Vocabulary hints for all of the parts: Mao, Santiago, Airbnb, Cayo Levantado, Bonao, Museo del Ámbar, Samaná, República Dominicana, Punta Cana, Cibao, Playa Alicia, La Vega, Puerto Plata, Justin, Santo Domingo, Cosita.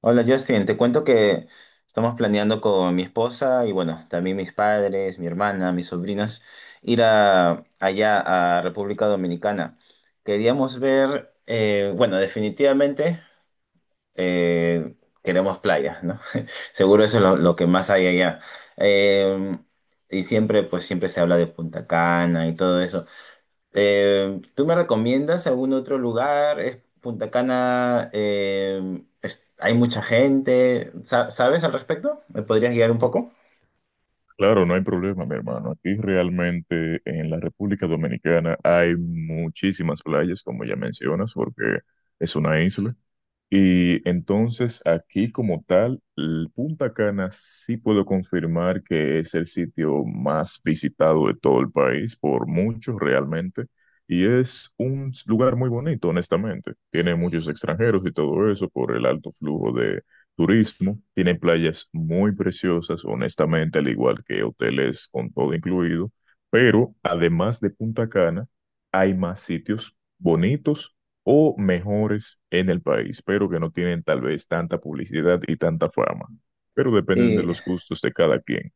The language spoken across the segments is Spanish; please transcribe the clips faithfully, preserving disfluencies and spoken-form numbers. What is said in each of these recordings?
Hola Justin, te cuento que estamos planeando con mi esposa y bueno, también mis padres, mi hermana, mis sobrinas, ir a, allá a República Dominicana. Queríamos ver, eh, bueno, definitivamente eh, queremos playa, ¿no? Seguro eso es lo, lo que más hay allá. Eh, y siempre, pues siempre se habla de Punta Cana y todo eso. Eh, ¿tú me recomiendas algún otro lugar? ¿Es Punta Cana? Eh, es- ¿hay mucha gente? Sa- ¿Sabes al respecto? ¿Me podrías guiar un poco? Claro, no hay problema, mi hermano. Aquí realmente en la República Dominicana hay muchísimas playas, como ya mencionas, porque es una isla. Y entonces aquí como tal, el Punta Cana sí puedo confirmar que es el sitio más visitado de todo el país, por muchos realmente, y es un lugar muy bonito, honestamente. Tiene muchos extranjeros y todo eso por el alto flujo de turismo. Tiene playas muy preciosas, honestamente, al igual que hoteles con todo incluido, pero además de Punta Cana, hay más sitios bonitos o mejores en el país, pero que no tienen tal vez tanta publicidad y tanta fama, pero dependen de Sí, los gustos de cada quien.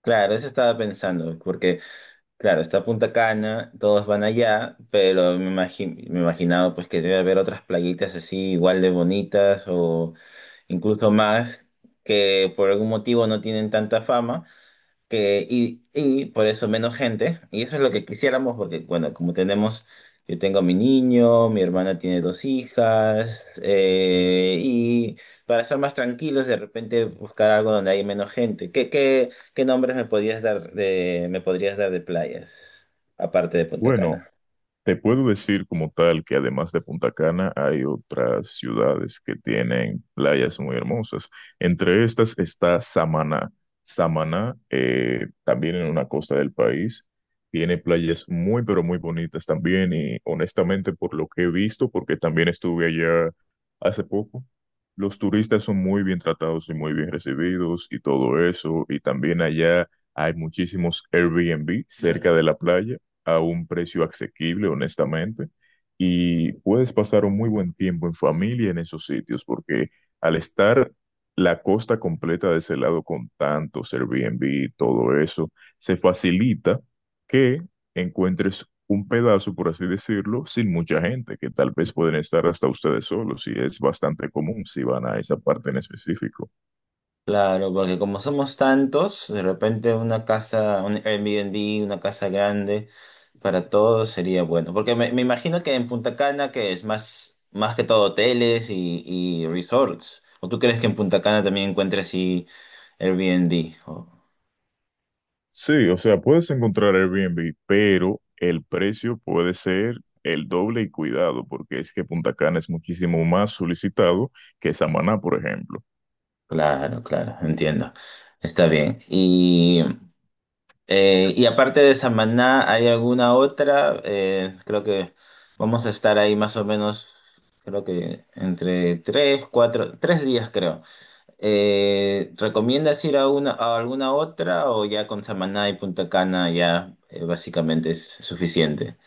claro, eso estaba pensando, porque claro, está Punta Cana, todos van allá, pero me imagi- me imaginaba pues que debe haber otras playitas así igual de bonitas o incluso más que por algún motivo no tienen tanta fama. que- y, y por eso menos gente. Y eso es lo que quisiéramos, porque, bueno, como tenemos, yo tengo a mi niño, mi hermana tiene dos hijas, eh, y para estar más tranquilos, de repente buscar algo donde hay menos gente. ¿Qué, qué, qué nombres me podrías dar de, me podrías dar de playas, aparte de Punta Bueno, Cana? te puedo decir como tal que además de Punta Cana hay otras ciudades que tienen playas muy hermosas. Entre estas está Samaná. Samaná, eh, también en una costa del país, tiene playas muy pero muy bonitas también y honestamente por lo que he visto, porque también estuve allá hace poco, los turistas son muy bien tratados y muy bien recibidos y todo eso. Y también allá hay muchísimos Airbnb cerca de la playa a un precio asequible, honestamente, y puedes pasar un muy buen tiempo en familia en esos sitios, porque al estar la costa completa de ese lado con tantos Airbnb y todo eso, se facilita que encuentres un pedazo, por así decirlo, sin mucha gente, que tal vez pueden estar hasta ustedes solos, y es bastante común si van a esa parte en específico. Claro, porque como somos tantos, de repente una casa, un Airbnb, una casa grande para todos sería bueno. Porque me, me imagino que en Punta Cana, que es más, más que todo hoteles y, y resorts, ¿o tú crees que en Punta Cana también encuentres así Airbnb? Oh, Sí, o sea, puedes encontrar Airbnb, pero el precio puede ser el doble y cuidado, porque es que Punta Cana es muchísimo más solicitado que Samaná, por ejemplo. claro, claro, entiendo. Está bien. Eh, y aparte de Samaná, ¿hay alguna otra? Eh, creo que vamos a estar ahí más o menos, creo que entre tres, cuatro, tres días creo. Eh, ¿recomiendas ir a una, a alguna otra o ya con Samaná y Punta Cana ya eh, básicamente es suficiente?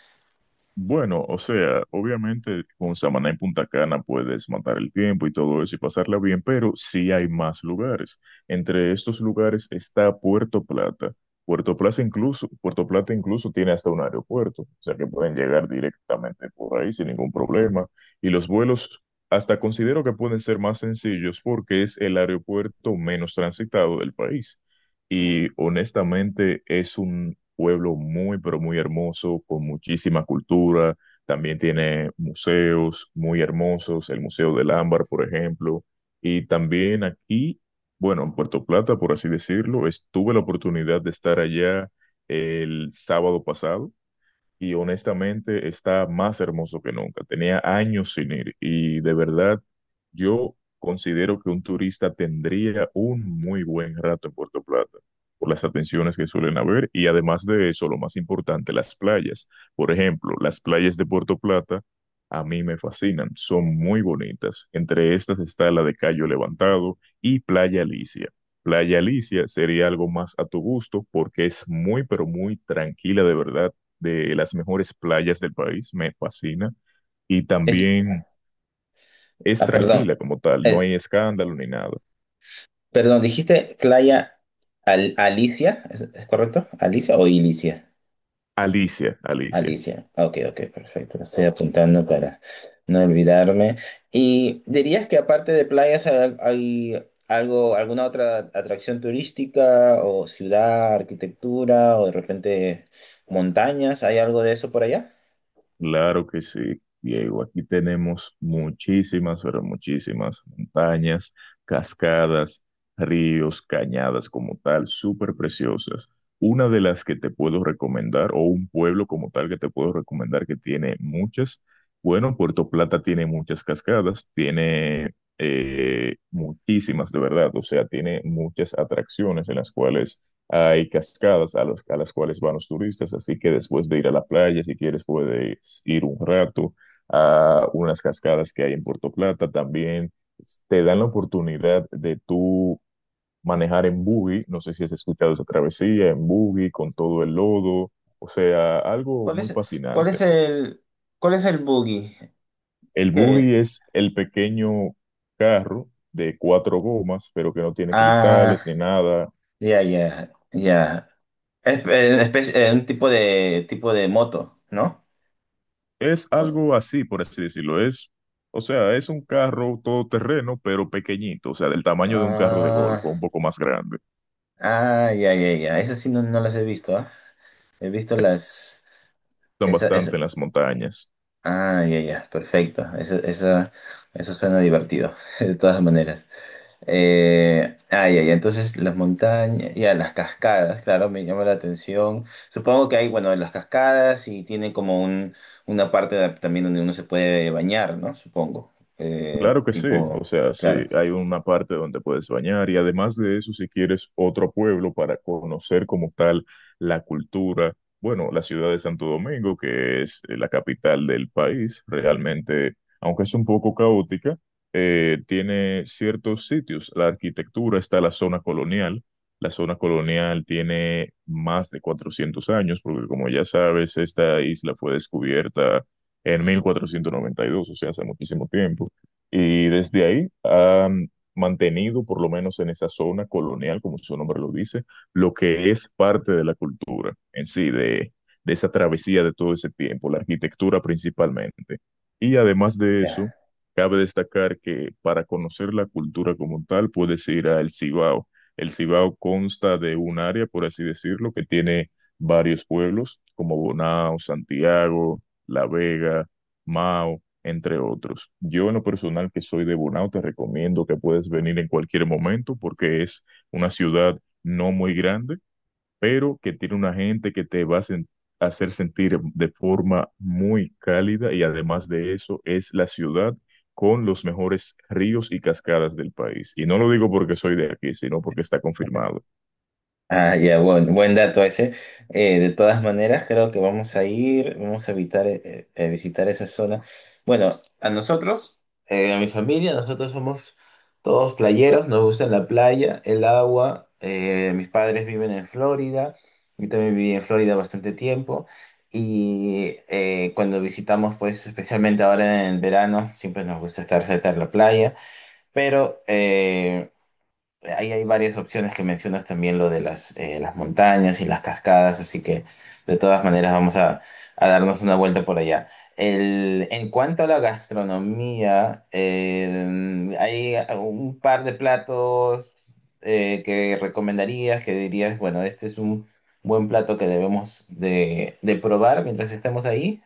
Bueno, o sea, obviamente con Samaná y Punta Cana puedes matar el tiempo y todo eso y pasarla bien, pero sí hay más lugares. Entre estos lugares está Puerto Plata. Puerto Plata incluso, Puerto Plata incluso tiene hasta un aeropuerto, o sea que pueden llegar directamente por ahí sin ningún problema. Y los vuelos hasta considero que pueden ser más sencillos porque es el aeropuerto menos transitado del país. Y honestamente es un pueblo muy, pero muy hermoso, con muchísima cultura. También tiene museos muy hermosos, el Museo del Ámbar, por ejemplo. Y también aquí, bueno, en Puerto Plata, por así decirlo, estuve la oportunidad de estar allá el sábado pasado y honestamente está más hermoso que nunca. Tenía años sin ir y de verdad yo considero que un turista tendría un muy buen rato en Puerto Plata por las atenciones que suelen haber y además de eso, lo más importante, las playas. Por ejemplo, las playas de Puerto Plata a mí me fascinan, son muy bonitas. Entre estas está la de Cayo Levantado y Playa Alicia. Playa Alicia sería algo más a tu gusto porque es muy, pero muy tranquila de verdad, de las mejores playas del país, me fascina. Y Es, también es ah, perdón, tranquila como tal, no eh, hay escándalo ni nada. perdón, dijiste Playa Al- Alicia, ¿es, es correcto? ¿Alicia o Ilicia? Alicia, Alicia. Alicia. Ah, ok, ok, perfecto. Lo estoy apuntando para no olvidarme. ¿Y dirías que aparte de playas hay, hay algo, alguna otra atracción turística o ciudad, arquitectura o de repente montañas? ¿Hay algo de eso por allá? Claro que sí, Diego. Aquí tenemos muchísimas, pero muchísimas montañas, cascadas, ríos, cañadas como tal, súper preciosas. Una de las que te puedo recomendar, o un pueblo como tal que te puedo recomendar que tiene muchas. Bueno, Puerto Plata tiene muchas cascadas, tiene eh, muchísimas de verdad, o sea, tiene muchas atracciones en las cuales hay cascadas a, los- a las cuales van los turistas, así que después de ir a la playa, si quieres, puedes ir un rato a unas cascadas que hay en Puerto Plata. También te dan la oportunidad de tú manejar en buggy. No sé si has escuchado esa travesía en buggy con todo el lodo. O sea, algo ¿Cuál muy es, cuál fascinante. es el, cuál es el buggy? El ¿Qué? buggy es el pequeño carro de cuatro gomas, pero que no tiene cristales Ah, ni nada. ya, ya, ya. Es, eh, espe- eh, un tipo de, tipo de moto, ¿no? Es O- algo así, por así decirlo. Es, o sea, es un carro todoterreno, pero pequeñito, o sea, del tamaño de un carro de golf, o Ah. un poco más grande. Ah, ya, ya, ya. Esas sí no, no las he visto, ¿ah? He visto las... Son Esa, bastante esa... en las montañas. Ah, ya, ya. Perfecto. Esa, esa, eso suena divertido, de todas maneras. Eh, ah, ya, ya. Entonces, las montañas, ya, las cascadas, claro, me llama la atención. Supongo que hay, bueno, las cascadas y tiene como un, una parte de- también donde uno se puede bañar, ¿no? Supongo. Eh, Claro que sí, o Tipo, sea, sí, claro. hay una parte donde puedes bañar y además de eso, si quieres otro pueblo para conocer como tal la cultura, bueno, la ciudad de Santo Domingo, que es eh, la capital del país, realmente, aunque es un poco caótica, eh, tiene ciertos sitios. La arquitectura está la zona colonial, la zona colonial tiene más de cuatrocientos años, porque como ya sabes, esta isla fue descubierta en mil cuatrocientos noventa y dos, o sea, hace muchísimo tiempo. Y desde ahí han mantenido, por lo menos en esa zona colonial, como su nombre lo dice, lo que es parte de la cultura en sí, de, de esa travesía de todo ese tiempo, la arquitectura principalmente. Y además de eso, Ya. cabe destacar que para conocer la cultura como tal, puedes ir al Cibao. El Cibao consta de un área, por así decirlo, que tiene varios pueblos como Bonao, Santiago, La Vega, Mao entre otros. Yo en lo personal que soy de Bonao, te recomiendo que puedes venir en cualquier momento porque es una ciudad no muy grande, pero que tiene una gente que te va a sen- hacer sentir de forma muy cálida y además de eso es la ciudad con los mejores ríos y cascadas del país. Y no lo digo porque soy de aquí, sino porque está confirmado. Ah, ya, buen, buen dato ese. Eh, de todas maneras, creo que vamos a ir, vamos a evitar eh, eh, visitar esa zona. Bueno, a nosotros, eh, a mi familia, nosotros somos todos playeros, nos gusta la playa, el agua. Eh, mis padres viven en Florida, yo también viví en Florida bastante tiempo. Y eh, cuando visitamos, pues especialmente ahora en el verano, siempre nos gusta estar cerca de la playa. Pero eh, ahí hay varias opciones que mencionas también, lo de las, eh, las montañas y las cascadas, así que de todas maneras vamos a, a darnos una vuelta por allá. El- en cuanto a la gastronomía, eh, hay un par de platos eh, que recomendarías, que dirías, bueno, este es un buen plato que debemos de, de probar mientras estemos ahí.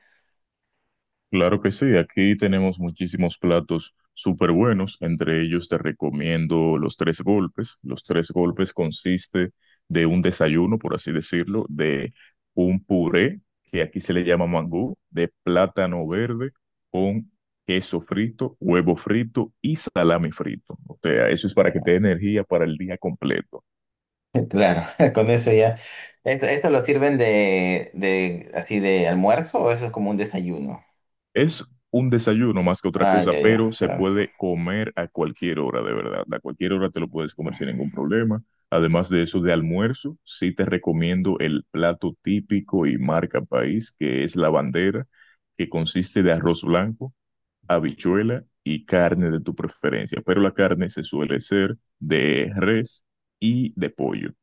Claro que sí, aquí tenemos muchísimos platos súper buenos, entre ellos te recomiendo los tres golpes. Los tres golpes consiste de un desayuno, por así decirlo, de un puré, que aquí se le llama mangú, de plátano verde con queso frito, huevo frito y salami frito. O sea, eso es para que te dé energía para el día completo. Claro, con eso ya. ¿Eso, eso lo sirven de, de así de almuerzo o eso es como un desayuno? Es un desayuno más que otra Ah, cosa, ya, pero ya, se claro. puede comer a cualquier hora, de verdad. A cualquier hora te lo puedes comer sin ningún problema. Además de eso, de almuerzo, sí te recomiendo el plato típico y marca país, que es la bandera, que consiste de arroz blanco, habichuela y carne de tu preferencia. Pero la carne se suele ser de res y de pollo.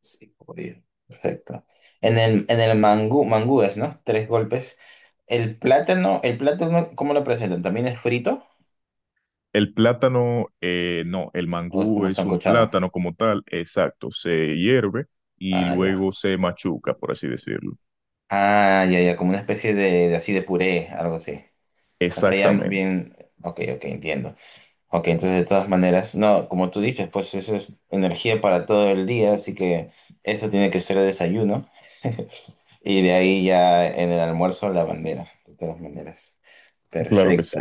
Sí, pollo. Perfecto. En el, en el mangú, mangúes, ¿no? Tres golpes. El plátano, el plátano, ¿cómo lo presentan? ¿También es frito El plátano, eh, no, el o es mangú como es un sancochado? plátano como tal, exacto, se hierve y Ah, ya. luego se machuca, por así decirlo. Ah, ya, ya, como una especie de, de así de puré, algo así. O sea, ya Exactamente, bien, ok, ok, entiendo. Ok, entonces de todas maneras, no, como tú dices, pues eso es energía para todo el día, así que eso tiene que ser el desayuno. Y de ahí ya en el almuerzo la bandera, de todas maneras. claro que Perfecto, sí,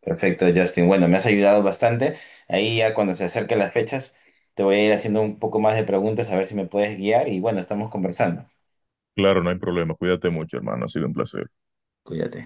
perfecto, Justin. Bueno, me has ayudado bastante. Ahí ya cuando se acerquen las fechas, te voy a ir haciendo un poco más de preguntas a ver si me puedes guiar y bueno, estamos conversando. claro, no hay problema, cuídate mucho, hermano, ha sido un placer. Cuídate.